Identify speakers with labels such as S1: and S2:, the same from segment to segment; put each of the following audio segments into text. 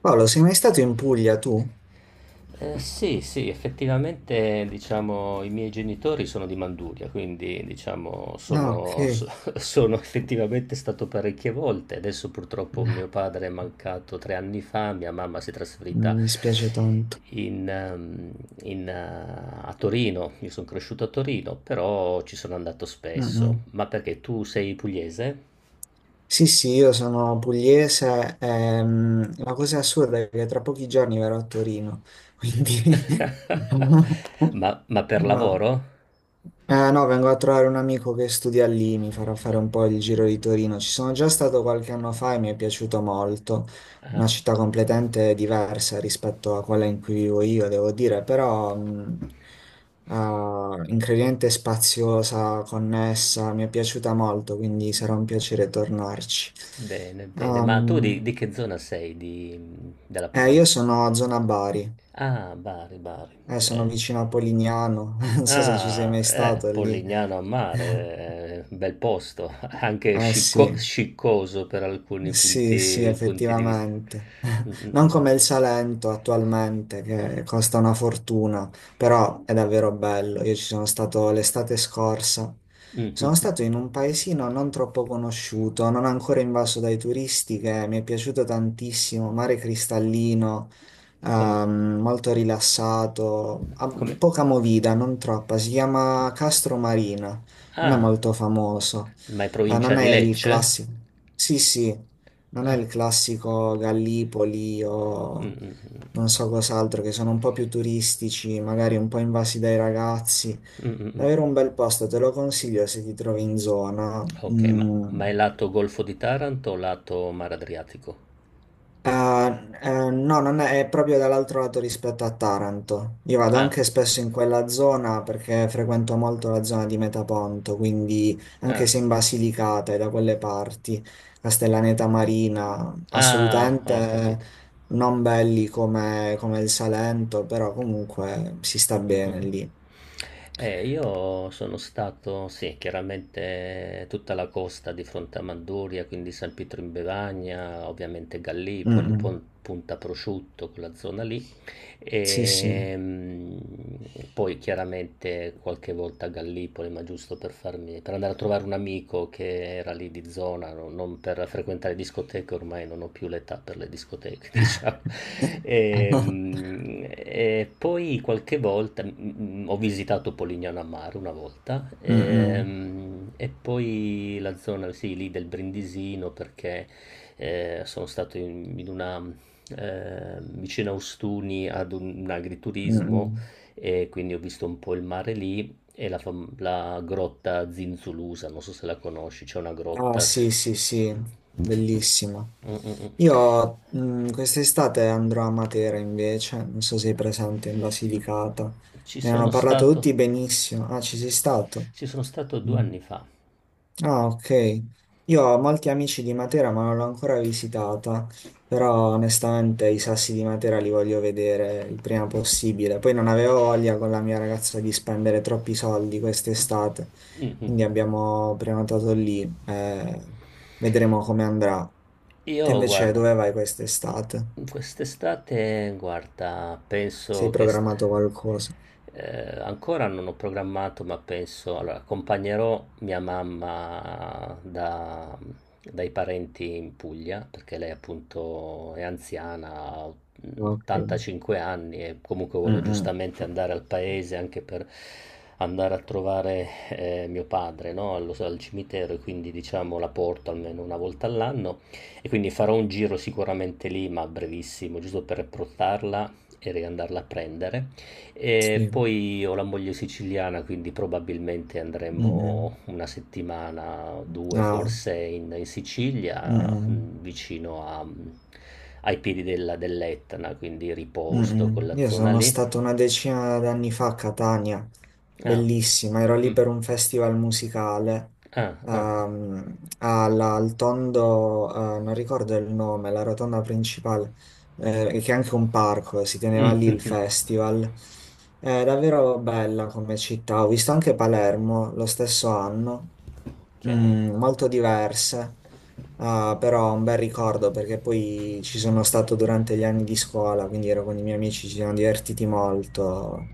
S1: Paolo, sei mai stato in Puglia tu?
S2: Sì, sì, effettivamente diciamo i miei genitori sono di Manduria, quindi diciamo
S1: Ah, ok.
S2: sono so sono effettivamente stato parecchie volte. Adesso purtroppo mio padre è mancato 3 anni fa, mia mamma si è trasferita
S1: Mi dispiace tanto.
S2: in mhmm, in a Torino. Io son cresciuto a Torino, però ci sono andato spesso.
S1: Mm-mm.
S2: Ma perché tu sei pugliese?
S1: Sì, sì, io sono pugliese. La cosa assurda è che tra pochi giorni verrò a Torino, quindi...
S2: Ma per
S1: No.
S2: lavoro?
S1: No, vengo a trovare un amico che studia lì, mi farà fare un po' il giro di Torino. Ci sono già stato qualche anno fa e mi è piaciuto molto. Una città completamente diversa rispetto a quella in cui vivo io, devo dire, però... ah, incredibile spaziosa, connessa, mi è piaciuta molto, quindi sarà un piacere tornarci.
S2: Bene, bene. Ma tu di,
S1: Ehm,
S2: di che zona sei della Puglia?
S1: io sono a zona Bari,
S2: Ah, Bari, Bari.
S1: sono
S2: Eh.
S1: vicino a Polignano, non so se ci sei
S2: Ah,
S1: mai stato lì.
S2: Polignano a mare, bel posto, anche
S1: Eh sì.
S2: sciccoso per alcuni
S1: Sì, sì,
S2: punti, punti di vista.
S1: effettivamente.
S2: Mm, mm,
S1: Non
S2: mm, mm.
S1: come il Salento attualmente, che costa una fortuna, però è davvero bello. Io ci sono stato l'estate scorsa.
S2: Mm, mm,
S1: Sono
S2: mm.
S1: stato in un paesino non troppo conosciuto, non ancora invaso dai turisti, che mi è piaciuto tantissimo, mare cristallino,
S2: Com-
S1: molto rilassato, ah,
S2: Come?
S1: poca movida, non troppa. Si chiama Castro Marina, non è
S2: Ah,
S1: molto famoso,
S2: ma è provincia
S1: non è
S2: di
S1: il
S2: Lecce?
S1: classico. Sì, sì. Non è
S2: Ah,
S1: il classico Gallipoli
S2: mm,
S1: o
S2: mm, mm.
S1: non so cos'altro, che sono un po' più turistici, magari un po' invasi dai ragazzi.
S2: Mm, mm, mm.
S1: Davvero un bel posto, te lo consiglio se ti trovi in zona.
S2: Ok, ma,
S1: Mm,
S2: ma è lato Golfo di Taranto o lato Mar Adriatico?
S1: Ah, no, non è, è proprio dall'altro lato rispetto a Taranto. Io vado
S2: Ah.
S1: anche spesso in quella zona perché frequento molto la zona di Metaponto, quindi
S2: Ah,
S1: anche se in Basilicata e da quelle parti, Castellaneta Marina,
S2: ah, ho
S1: assolutamente
S2: capito.
S1: non belli come, come il Salento, però comunque si sta bene
S2: Mh-mh-mh.
S1: lì.
S2: Io sono stato, sì, chiaramente tutta la costa di fronte a Manduria, quindi San Pietro in Bevagna, ovviamente
S1: Mm,
S2: Gallipoli,
S1: mm.
S2: Punta Prosciutto, quella zona lì.
S1: Sì, sì.
S2: E poi chiaramente qualche volta a Gallipoli, ma per andare a trovare un amico che era lì di zona, non per frequentare discoteche, ormai non ho più l'età per le discoteche, diciamo. E poi qualche volta ho visitato Polignano a Mare una volta,
S1: Mm, mm.
S2: e poi la zona, sì, lì del Brindisino perché sono stato in una vicino a Ostuni ad un
S1: Mm, mm.
S2: agriturismo e quindi ho visto un po' il mare lì e la grotta Zinzulusa, non so se la conosci, c'è una
S1: Ah,
S2: grotta.
S1: sì, sì, sì,
S2: Mm,
S1: bellissimo.
S2: mm, mm, mm.
S1: Io quest'estate andrò a Matera invece, non so se sei presente in Basilicata.
S2: Ci
S1: Me ne hanno
S2: sono
S1: parlato
S2: stato,
S1: tutti benissimo. Ah, ci sei stato?
S2: ci sono stato due
S1: Mm.
S2: anni fa.
S1: Ah, ok. Io ho molti amici di Matera, ma non l'ho ancora visitata, però onestamente i sassi di Matera li voglio vedere il prima possibile. Poi non avevo voglia con la mia ragazza di spendere troppi soldi quest'estate, quindi abbiamo prenotato lì. Vedremo come andrà. Tu
S2: Io,
S1: invece
S2: guarda.
S1: dove vai quest'estate?
S2: Quest'estate, guarda,
S1: Sei programmato qualcosa?
S2: ancora non ho programmato, ma penso, allora, accompagnerò mia mamma dai parenti in Puglia, perché lei appunto è anziana, ha
S1: Ok.
S2: 85 anni e comunque vuole
S1: Mm-mm.
S2: giustamente andare al paese anche per andare a trovare mio padre, no? Al cimitero e quindi diciamo la porto almeno una volta all'anno. E quindi farò un giro sicuramente lì, ma brevissimo, giusto per approcciarla e riandarla a prendere. E
S1: Sì.
S2: poi ho la moglie siciliana, quindi probabilmente
S1: Mm-mm.
S2: andremo una settimana, due
S1: Ah.
S2: forse in Sicilia,
S1: Mm-mm.
S2: ai piedi dell'Etna, quindi riposto con
S1: Mm-mm.
S2: la
S1: Io
S2: zona
S1: sono
S2: lì.
S1: stato una decina d'anni fa a Catania,
S2: Ah,
S1: bellissima, ero lì
S2: mm,
S1: per un festival musicale,
S2: ah, ah,
S1: al tondo, non ricordo il nome, la rotonda principale, che è anche un parco, si teneva lì il
S2: mhm,
S1: festival. È davvero bella come città, ho visto anche Palermo lo stesso anno.
S2: ok.
S1: Mm, molto diverse, ah, però un bel ricordo perché poi ci sono stato durante gli anni di scuola, quindi ero con i miei amici, ci siamo divertiti molto.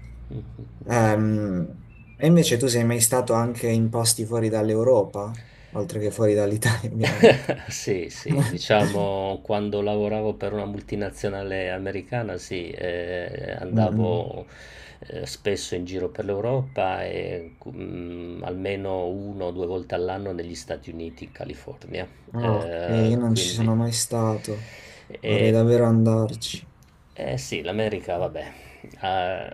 S1: Ehm, e invece tu sei mai stato anche in posti fuori dall'Europa, oltre che fuori dall'Italia, ovviamente.
S2: Sì, sì, diciamo quando lavoravo per una multinazionale americana, sì,
S1: Mm, mm.
S2: andavo spesso in giro per l'Europa e almeno uno o due volte all'anno negli Stati Uniti, in California.
S1: Ah, ok,
S2: Eh,
S1: io non ci
S2: quindi,
S1: sono mai stato, vorrei
S2: e-
S1: davvero andarci,
S2: eh sì, l'America, vabbè, eh,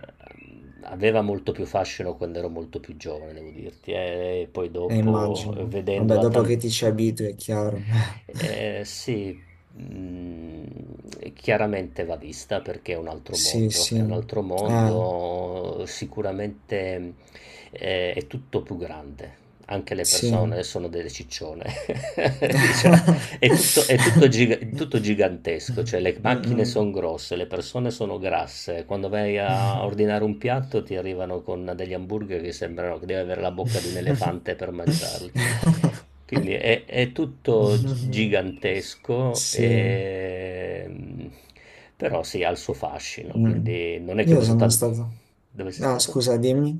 S2: aveva molto più fascino quando ero molto più giovane, devo dirti, e poi dopo,
S1: immagino. Vabbè,
S2: vedendola
S1: dopo che
S2: tanto.
S1: ti ci abitui, è chiaro.
S2: Sì, mm, chiaramente va vista perché è un altro
S1: Sì,
S2: mondo,
S1: sì.
S2: è un altro
S1: Eh,
S2: mondo, sicuramente è tutto più grande. Anche le persone
S1: sì.
S2: sono delle ciccione, diciamo, è tutto gigantesco, cioè le macchine sono
S1: Mm-mm.
S2: grosse, le persone sono grasse. Quando vai a ordinare un piatto ti arrivano con degli hamburger che sembrano che devi avere la bocca di un elefante per mangiarli. Quindi gigantesco,
S1: Sì.
S2: però sì, ha il suo fascino.
S1: Mm.
S2: Quindi non è che ho
S1: Io
S2: visto
S1: sono
S2: tanto.
S1: stato...
S2: Dove sei
S1: Ah,
S2: stato?
S1: scusa, dimmi.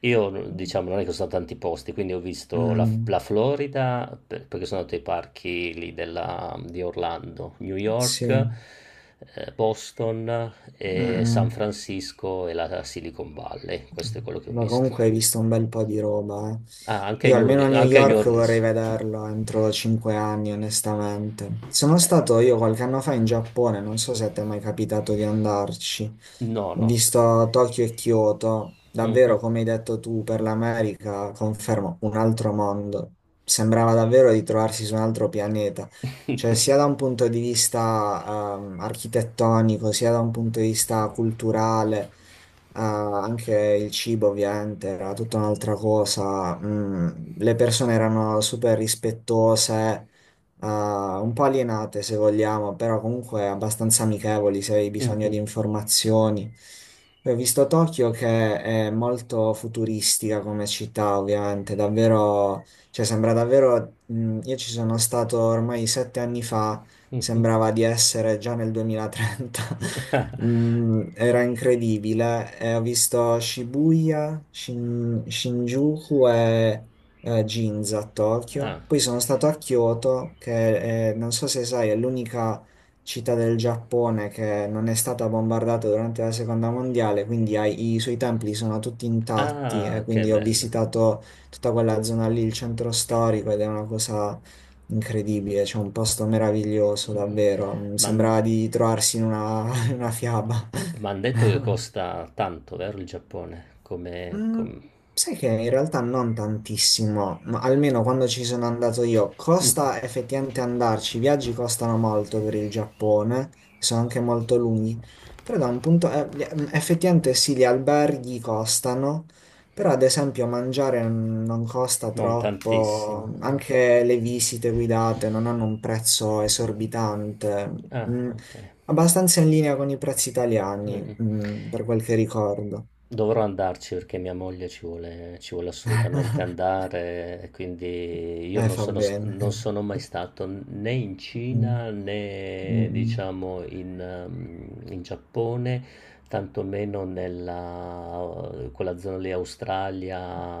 S2: Io, diciamo, non è che sono stato tanti posti, quindi ho visto
S1: Mm.
S2: la Florida, perché sono andato ai parchi lì di Orlando, New York,
S1: Sì.
S2: Boston, e San
S1: Mm-mm.
S2: Francisco e la Silicon Valley. Questo è quello che ho
S1: Ma
S2: visto.
S1: comunque hai visto un bel po' di roba, eh.
S2: Ah, anche
S1: Io
S2: New
S1: almeno a
S2: Orleans.
S1: New
S2: Anche New
S1: York vorrei
S2: Orleans.
S1: vederlo entro cinque anni, onestamente. Sono stato io qualche anno fa in Giappone, non so se ti è mai capitato di andarci.
S2: No,
S1: Ho
S2: no.
S1: visto Tokyo e Kyoto, davvero come hai detto tu, per l'America, confermo, un altro mondo. Sembrava davvero di trovarsi su un altro pianeta, cioè sia da un punto di vista architettonico, sia da un punto di vista culturale. Ah, anche il cibo ovviamente era tutta un'altra cosa. Le persone erano super rispettose, ah, un po' alienate se vogliamo, però comunque abbastanza amichevoli se avevi bisogno
S2: Mhm.
S1: di informazioni. Poi ho visto Tokyo che è molto futuristica come città, ovviamente, davvero, cioè sembra davvero, io ci sono stato ormai sette anni fa, sembrava di essere già nel 2030. Mm, era incredibile. E ho visto Shibuya, Shinjuku e Ginza a
S2: Ah.
S1: Tokyo. Poi sono stato a Kyoto, che non so se sai, è l'unica città del Giappone che non è stata bombardata durante la seconda mondiale, quindi i suoi templi sono tutti intatti
S2: Ah,
S1: e
S2: che
S1: quindi ho
S2: bello.
S1: visitato tutta quella zona lì, il centro storico, ed è una cosa incredibile, c'è un posto meraviglioso,
S2: Mhm.
S1: davvero. Mi
S2: Ma hanno
S1: sembrava di trovarsi in una, in una fiaba.
S2: detto che costa tanto, vero, il Giappone? Come,
S1: Mm, sai che in realtà non tantissimo, ma almeno quando ci sono andato io, costa effettivamente andarci, i viaggi costano molto per il Giappone, sono anche molto lunghi, però da un punto, effettivamente sì, gli alberghi costano, però ad esempio mangiare non costa
S2: Non tantissimo.
S1: troppo,
S2: Ah.
S1: anche le visite guidate non hanno un prezzo esorbitante,
S2: Ah,
S1: mm,
S2: okay.
S1: abbastanza in linea con i prezzi italiani,
S2: Mh-mh.
S1: per quel che ricordo.
S2: Dovrò andarci perché mia moglie ci vuole assolutamente andare e quindi io non
S1: Fa
S2: sono s
S1: bene.
S2: non sono mai stato né in
S1: Mm,
S2: Cina
S1: mm,
S2: né
S1: mm,
S2: diciamo in Giappone, tantomeno nella quella zona lì,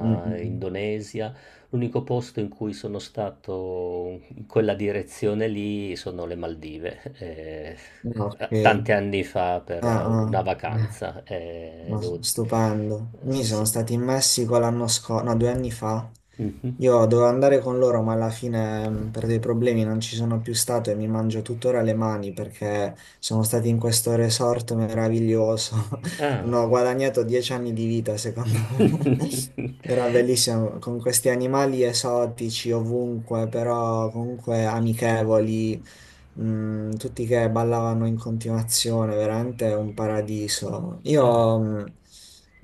S1: mm, mm.
S2: Indonesia. L'unico posto in cui sono stato in quella direzione lì sono le Maldive,
S1: Ah, ok.
S2: a tanti anni fa
S1: Ah,
S2: per una
S1: ah. Eh,
S2: vacanza,
S1: no,
S2: devo
S1: stupendo. Mi
S2: sì,
S1: sono
S2: sì.
S1: stati in Messico l'anno scorso, no, due anni fa.
S2: Mh-mh.
S1: Io dovevo andare con loro, ma alla fine per dei problemi non ci sono più stato e mi mangio tuttora le mani perché sono stati in questo resort meraviglioso.
S2: Ah.
S1: Non ho guadagnato dieci anni di vita, secondo me. Era bellissimo con questi animali esotici ovunque, però comunque amichevoli, tutti che ballavano in continuazione, veramente un paradiso.
S2: Ah,
S1: Io, mm,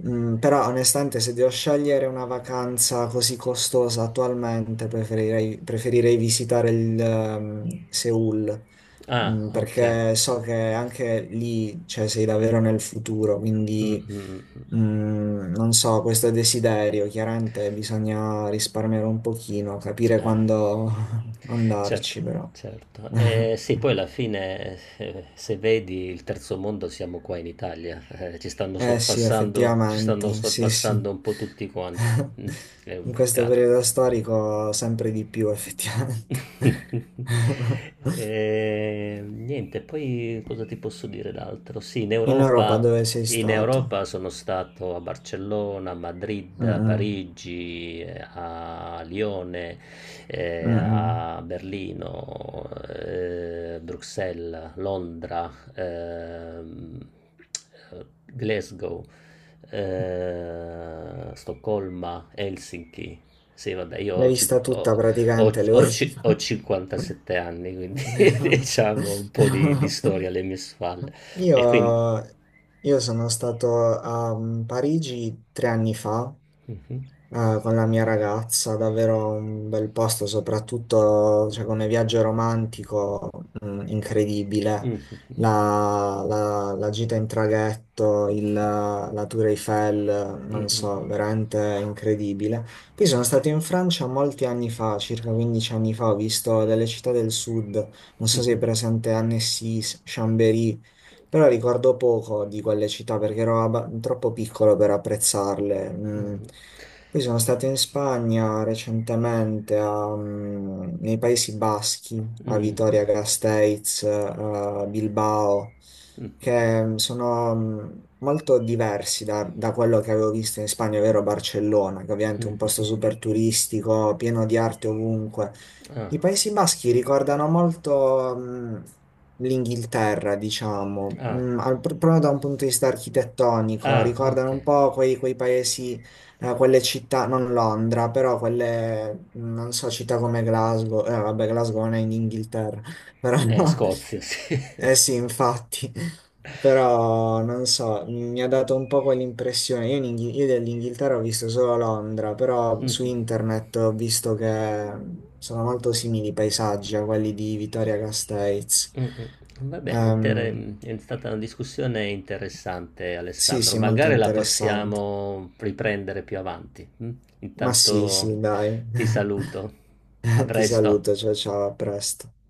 S1: mm, Però onestamente, se devo scegliere una vacanza così costosa attualmente, preferirei visitare il, Seoul,
S2: ah, okay.
S1: perché so che anche lì, cioè, sei davvero nel futuro,
S2: Mh, mh,
S1: quindi...
S2: mh, mh.
S1: Non so, questo desiderio, chiaramente bisogna risparmiare un pochino, capire
S2: Eh.
S1: quando
S2: Certo,
S1: andarci, però.
S2: certo. Sì, poi alla fine, se vedi il terzo mondo, siamo qua in Italia.
S1: Eh sì,
S2: Ci stanno
S1: effettivamente, sì, sì.
S2: sorpassando un po' tutti quanti. Mm, è un
S1: In questo
S2: peccato.
S1: periodo storico sempre di più, effettivamente.
S2: Niente, poi cosa ti posso dire d'altro? Sì,
S1: In Europa dove sei
S2: In
S1: stato?
S2: Europa sono stato a Barcellona, a Madrid, a
S1: Mm,
S2: Parigi, a Lione,
S1: mm, mm.
S2: a Berlino, Bruxelles, Londra, Glasgow, Stoccolma, Helsinki. Sì, vabbè, io
S1: L'hai
S2: ho, cin-
S1: vista
S2: ho-
S1: tutta
S2: ho,
S1: praticamente
S2: ho ci-
S1: l'Europa.
S2: ho 57 anni, quindi diciamo un po' di storia alle mie spalle.
S1: Io,
S2: E quindi...
S1: io sono stato a Parigi tre anni fa,
S2: Mhm.
S1: ah, con la mia ragazza, davvero un bel posto, soprattutto cioè, come viaggio romantico, incredibile.
S2: Mhm.
S1: La gita in traghetto, la Tour Eiffel, non so,
S2: Mhm.
S1: veramente incredibile. Poi sono stato in Francia molti anni fa, circa 15 anni fa, ho visto delle città del sud, non so se è presente Annecy, Chambéry, però ricordo poco di quelle città perché ero troppo piccolo per apprezzarle. Mm.
S2: Mhm.
S1: Poi sono stato in Spagna recentemente, a, nei Paesi Baschi, a
S2: Mhm.
S1: Vitoria Gasteiz, Bilbao,
S2: Mhm.
S1: che sono molto diversi da, da quello che avevo visto in Spagna, ovvero Barcellona, che ovviamente è un posto
S2: Mhm.
S1: super turistico, pieno di arte ovunque.
S2: Ah,
S1: I Paesi Baschi ricordano molto l'Inghilterra, diciamo,
S2: ah,
S1: proprio da un punto di vista architettonico,
S2: ah, ok.
S1: ricordano un po' quei paesi quelle città, non Londra, però quelle, non so, città come Glasgow, vabbè, Glasgow non è in Inghilterra, però,
S2: Scozia, sì.
S1: eh sì, infatti, però, non so, mi ha dato un po' quell'impressione, io, in io dell'Inghilterra ho visto solo Londra, però su
S2: Mhm.
S1: internet ho visto che sono molto simili i paesaggi a quelli di Vittoria Castells.
S2: Mh-mh. Va bene,
S1: Ehm,
S2: è stata una discussione interessante
S1: sì,
S2: Alessandro,
S1: sì, molto
S2: magari la
S1: interessante,
S2: possiamo riprendere più avanti, mh?
S1: ma sì,
S2: Intanto
S1: sì, dai.
S2: ti saluto. A
S1: Ti
S2: presto.
S1: saluto, ciao ciao, a presto.